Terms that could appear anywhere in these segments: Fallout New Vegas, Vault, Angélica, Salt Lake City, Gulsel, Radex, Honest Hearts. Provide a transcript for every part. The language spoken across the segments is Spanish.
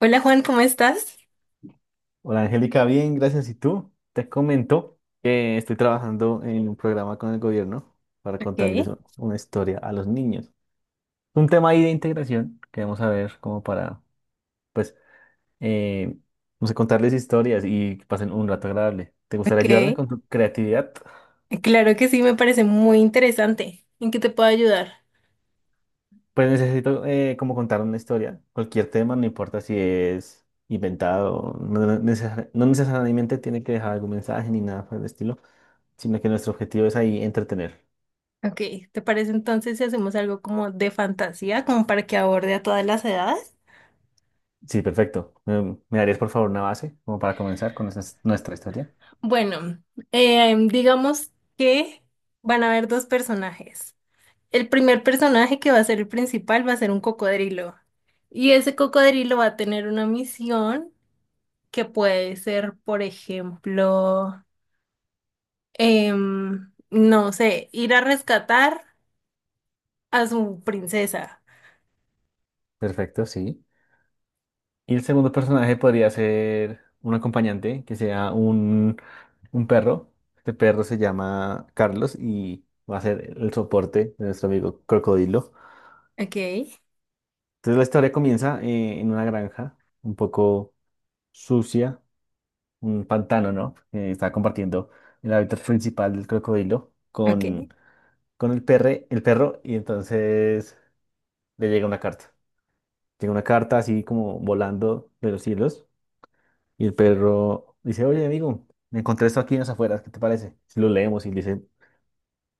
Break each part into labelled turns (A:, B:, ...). A: Hola Juan, ¿cómo estás?
B: Hola Angélica, bien, gracias. ¿Y tú? Te comento que estoy trabajando en un programa con el gobierno para
A: Ok,
B: contarles una historia a los niños. Es un tema ahí de integración que vamos a ver como para, pues, eh, no sé, contarles historias y que pasen un rato agradable. ¿Te
A: ok.
B: gustaría ayudarme con tu creatividad?
A: Claro que sí, me parece muy interesante. ¿En qué te puedo ayudar?
B: Pues necesito como contar una historia, cualquier tema, no importa si es inventado, no, no necesariamente tiene que dejar algún mensaje ni nada por el estilo, sino que nuestro objetivo es ahí entretener.
A: Ok, ¿te parece entonces si hacemos algo como de fantasía, como para que aborde a todas las edades?
B: Sí, perfecto. Mm, ¿me darías por favor una base como para comenzar con nuestra historia?
A: Bueno, digamos que van a haber dos personajes. El primer personaje que va a ser el principal va a ser un cocodrilo. Y ese cocodrilo va a tener una misión que puede ser, por ejemplo, no sé, ir a rescatar a su princesa.
B: Perfecto, sí. Y el segundo personaje podría ser un acompañante que sea un perro. Este perro se llama Carlos y va a ser el soporte de nuestro amigo Crocodilo.
A: Ok,
B: Entonces la historia comienza en una granja un poco sucia, un pantano, ¿no? Está compartiendo el hábitat principal del crocodilo
A: ok,
B: con, el perro y entonces le llega una carta. Llega una carta así como volando de los cielos y el perro dice, oye amigo, me encontré esto aquí en las afueras, ¿qué te parece? Si lo leemos y dice,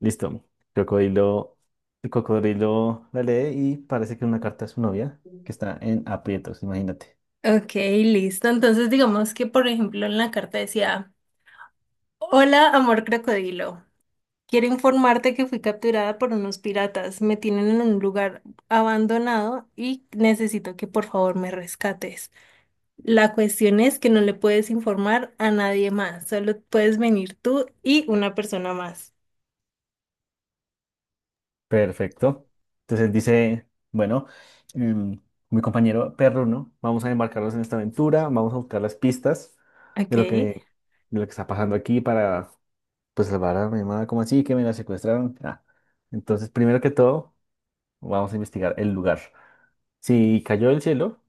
B: listo, crocodilo, el cocodrilo la lee y parece que es una carta de su novia que está en aprietos, imagínate.
A: ok, listo. Entonces digamos que, por ejemplo, en la carta decía: Hola, amor crocodilo. Quiero informarte que fui capturada por unos piratas. Me tienen en un lugar abandonado y necesito que por favor me rescates. La cuestión es que no le puedes informar a nadie más. Solo puedes venir tú y una persona más.
B: Perfecto. Entonces dice, bueno, em, mi compañero perro, ¿no? Vamos a embarcarnos en esta aventura, vamos a buscar las pistas
A: Ok.
B: de lo que está pasando aquí para pues salvar a mi hermana, como así que me la secuestraron. Ah, entonces, primero que todo, vamos a investigar el lugar. Si cayó del cielo,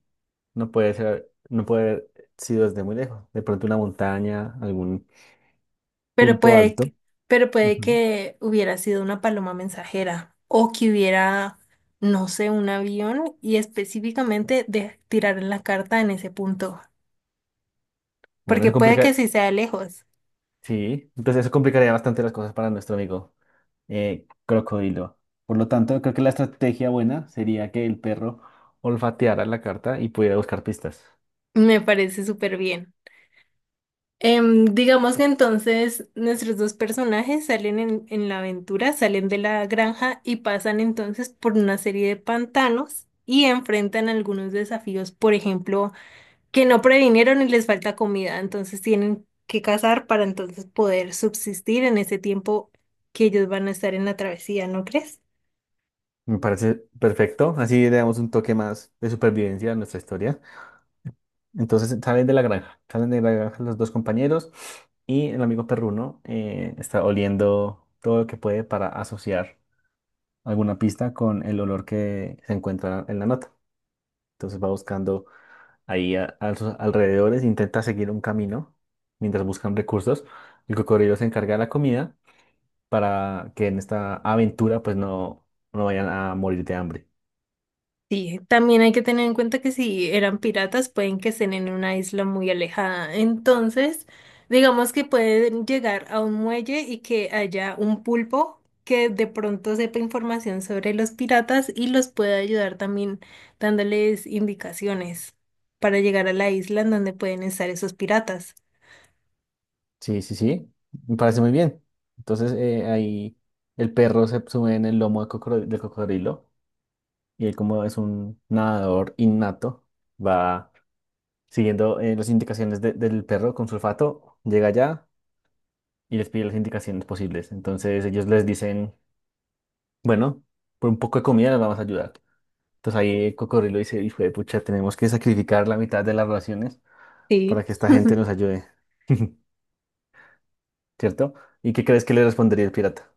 B: no puede haber sido desde muy lejos. De pronto una montaña, algún
A: Pero
B: punto
A: puede
B: alto.
A: que, pero puede
B: Ujú.
A: que hubiera sido una paloma mensajera o que hubiera, no sé, un avión y específicamente de tirar la carta en ese punto,
B: Bueno,
A: porque puede que sí sea lejos.
B: sí, entonces eso complicaría bastante las cosas para nuestro amigo crocodilo. Por lo tanto, creo que la estrategia buena sería que el perro olfateara la carta y pudiera buscar pistas.
A: Me parece súper bien. Em, digamos que entonces nuestros dos personajes salen en la aventura, salen de la granja y pasan entonces por una serie de pantanos y enfrentan algunos desafíos, por ejemplo, que no previnieron y les falta comida, entonces tienen que cazar para entonces poder subsistir en ese tiempo que ellos van a estar en la travesía, ¿no crees?
B: Me parece perfecto. Así le damos un toque más de supervivencia a nuestra historia. Salen de la granja los dos compañeros y el amigo perruno está oliendo todo lo que puede para asociar alguna pista con el olor que se encuentra en la nota. Entonces va buscando ahí a sus alrededores, intenta seguir un camino mientras buscan recursos. El cocodrilo se encarga de la comida para que en esta aventura no vayan a morir de hambre.
A: Sí, también hay que tener en cuenta que si eran piratas pueden que estén en una isla muy alejada, entonces digamos que pueden llegar a un muelle y que haya un pulpo que de pronto sepa información sobre los piratas y los pueda ayudar también dándoles indicaciones para llegar a la isla en donde pueden estar esos piratas.
B: Sí, sí, sí, me parece muy bien. Entonces ahí el perro se sube en el lomo del cocodrilo y él, como es un nadador innato, va siguiendo las indicaciones del perro con su olfato, llega allá y les pide las indicaciones posibles. Entonces ellos les dicen, bueno, por un poco de comida les vamos a ayudar. Entonces ahí el cocodrilo dice, hijo de pucha, tenemos que sacrificar la mitad de las raciones
A: Sí.
B: para que esta gente nos ayude, ¿cierto? ¿Y qué crees que le respondería el pirata?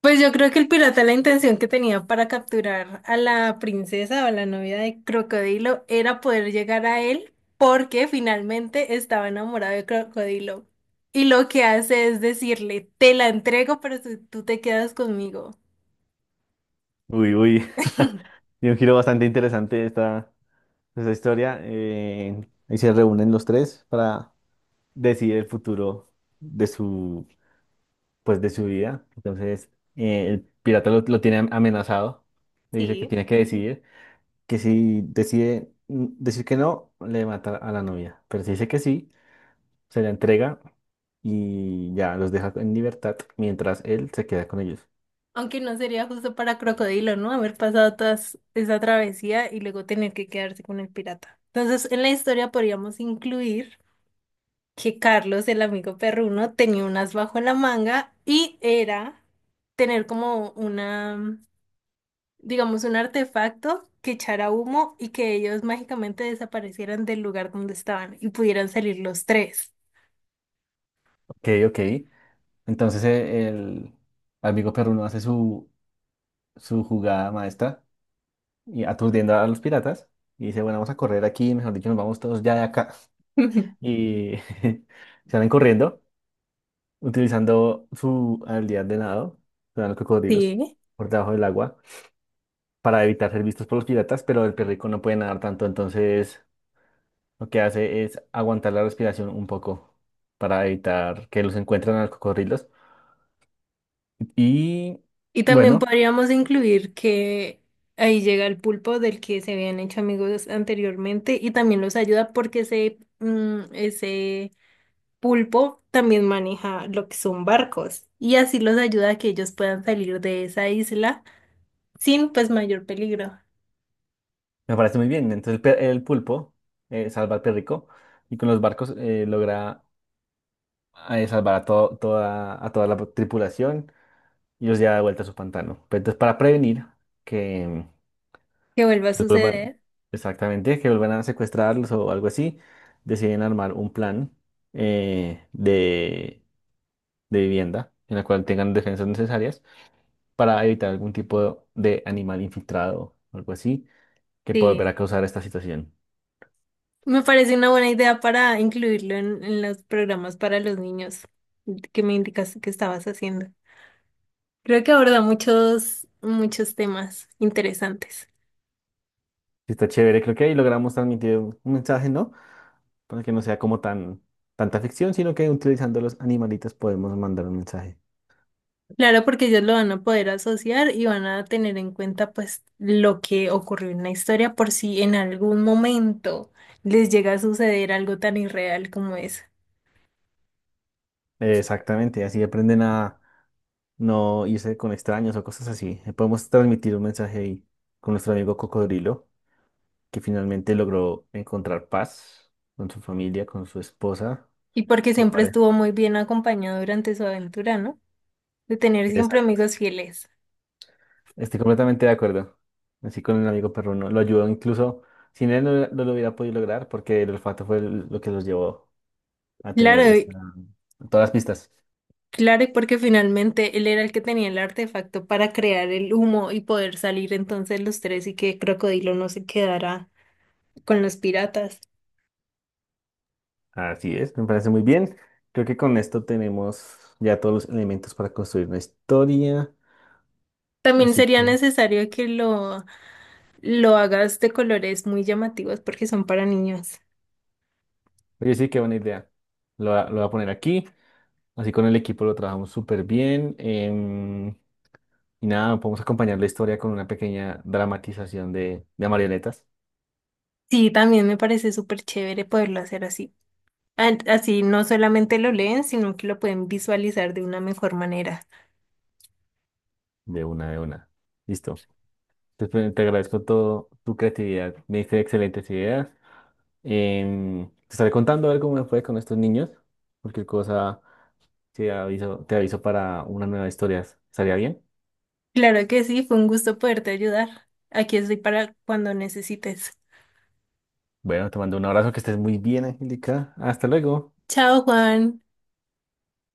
A: Pues yo creo que el pirata, la intención que tenía para capturar a la princesa o a la novia de Crocodilo era poder llegar a él porque finalmente estaba enamorado de Crocodilo. Y lo que hace es decirle: te la entrego, pero tú te quedas conmigo.
B: Uy, uy. Y un giro bastante interesante esta historia. Eh, ahí se reúnen los tres para decidir el futuro de su, pues, de su vida. Entonces, el pirata lo tiene amenazado. Le dice que
A: Sí.
B: tiene que decidir, que si decide, mm, decir que no, le mata a la novia. Pero si dice que sí, se la entrega y ya los deja en libertad mientras él se queda con ellos.
A: Aunque no sería justo para Crocodilo, ¿no? Haber pasado toda esa travesía y luego tener que quedarse con el pirata. Entonces, en la historia podríamos incluir que Carlos, el amigo perruno, tenía un as bajo la manga, y era tener como una, digamos, un artefacto que echara humo y que ellos mágicamente desaparecieran del lugar donde estaban y pudieran salir los tres.
B: Ok, ok. Entonces, el amigo perruno hace su jugada maestra y aturdiendo a los piratas. Y dice, bueno, vamos a correr aquí, mejor dicho, nos vamos todos ya de acá. Y salen corriendo, utilizando su habilidad de nado, se dan los cocodrilos
A: Sí.
B: por debajo del agua, para evitar ser vistos por los piratas, pero el perrico no puede nadar tanto, entonces lo que hace es aguantar la respiración un poco para evitar que los encuentren a los cocodrilos. Y
A: Y también
B: bueno,
A: podríamos incluir que ahí llega el pulpo del que se habían hecho amigos anteriormente y también los ayuda porque ese, mm, ese pulpo también maneja lo que son barcos y así los ayuda a que ellos puedan salir de esa isla sin pues mayor peligro
B: me parece muy bien. Entonces el pulpo salva al perrico y con los barcos logra a salvar a, toda, a toda la tripulación y los lleva de vuelta a su pantano. Pero entonces, para prevenir que,
A: que vuelva a
B: pues, vuelvan,
A: suceder.
B: exactamente, que vuelvan a secuestrarlos o algo así, deciden armar un plan eh, de, de vivienda en la cual tengan defensas necesarias para evitar algún tipo de animal infiltrado o algo así que pueda volver
A: Sí,
B: a causar esta situación.
A: me parece una buena idea para incluirlo en los programas para los niños que me indicaste que estabas haciendo. Creo que aborda muchos temas interesantes.
B: Sí, está chévere. Creo que ahí logramos transmitir un mensaje, ¿no? Para que no sea como tan tanta ficción, sino que utilizando los animalitos podemos mandar un mensaje.
A: Claro, porque ellos lo van a poder asociar y van a tener en cuenta pues lo que ocurrió en la historia por si en algún momento les llega a suceder algo tan irreal como eso.
B: Exactamente, así aprenden a no irse con extraños o cosas así. Podemos transmitir un mensaje ahí con nuestro amigo Cocodrilo, que finalmente logró encontrar paz con su familia, con su esposa,
A: Y porque
B: su
A: siempre
B: pareja.
A: estuvo muy bien acompañado durante su aventura, ¿no? De tener siempre
B: Exacto.
A: amigos fieles.
B: Estoy completamente de acuerdo. Así con el amigo perruno. Lo ayudó incluso, sin él no lo hubiera podido lograr porque el olfato fue lo que los llevó a tener
A: Claro, y-
B: todas las pistas.
A: claro, y porque finalmente él era el que tenía el artefacto para crear el humo y poder salir entonces los tres, y que Crocodilo no se quedara con los piratas.
B: Así es, me parece muy bien. Creo que con esto tenemos ya todos los elementos para construir una historia.
A: También
B: Así
A: sería
B: que,
A: necesario que lo hagas de colores muy llamativos porque son para niños.
B: oye, sí, qué buena idea. Lo voy a poner aquí. Así con el equipo lo trabajamos súper bien. Em, y nada, podemos acompañar la historia con una pequeña dramatización de marionetas.
A: Sí, también me parece súper chévere poderlo hacer así. Así no solamente lo leen, sino que lo pueden visualizar de una mejor manera.
B: De una, de una. Listo. Te agradezco todo tu creatividad. Me diste excelentes ideas. Em, te estaré contando a ver cómo me fue con estos niños. Cualquier cosa te aviso para unas nuevas historias. ¿Estaría bien?
A: Claro que sí, fue un gusto poderte ayudar. Aquí estoy para cuando necesites.
B: Bueno, te mando un abrazo, que estés muy bien, Angélica. Hasta luego.
A: Chao, Juan.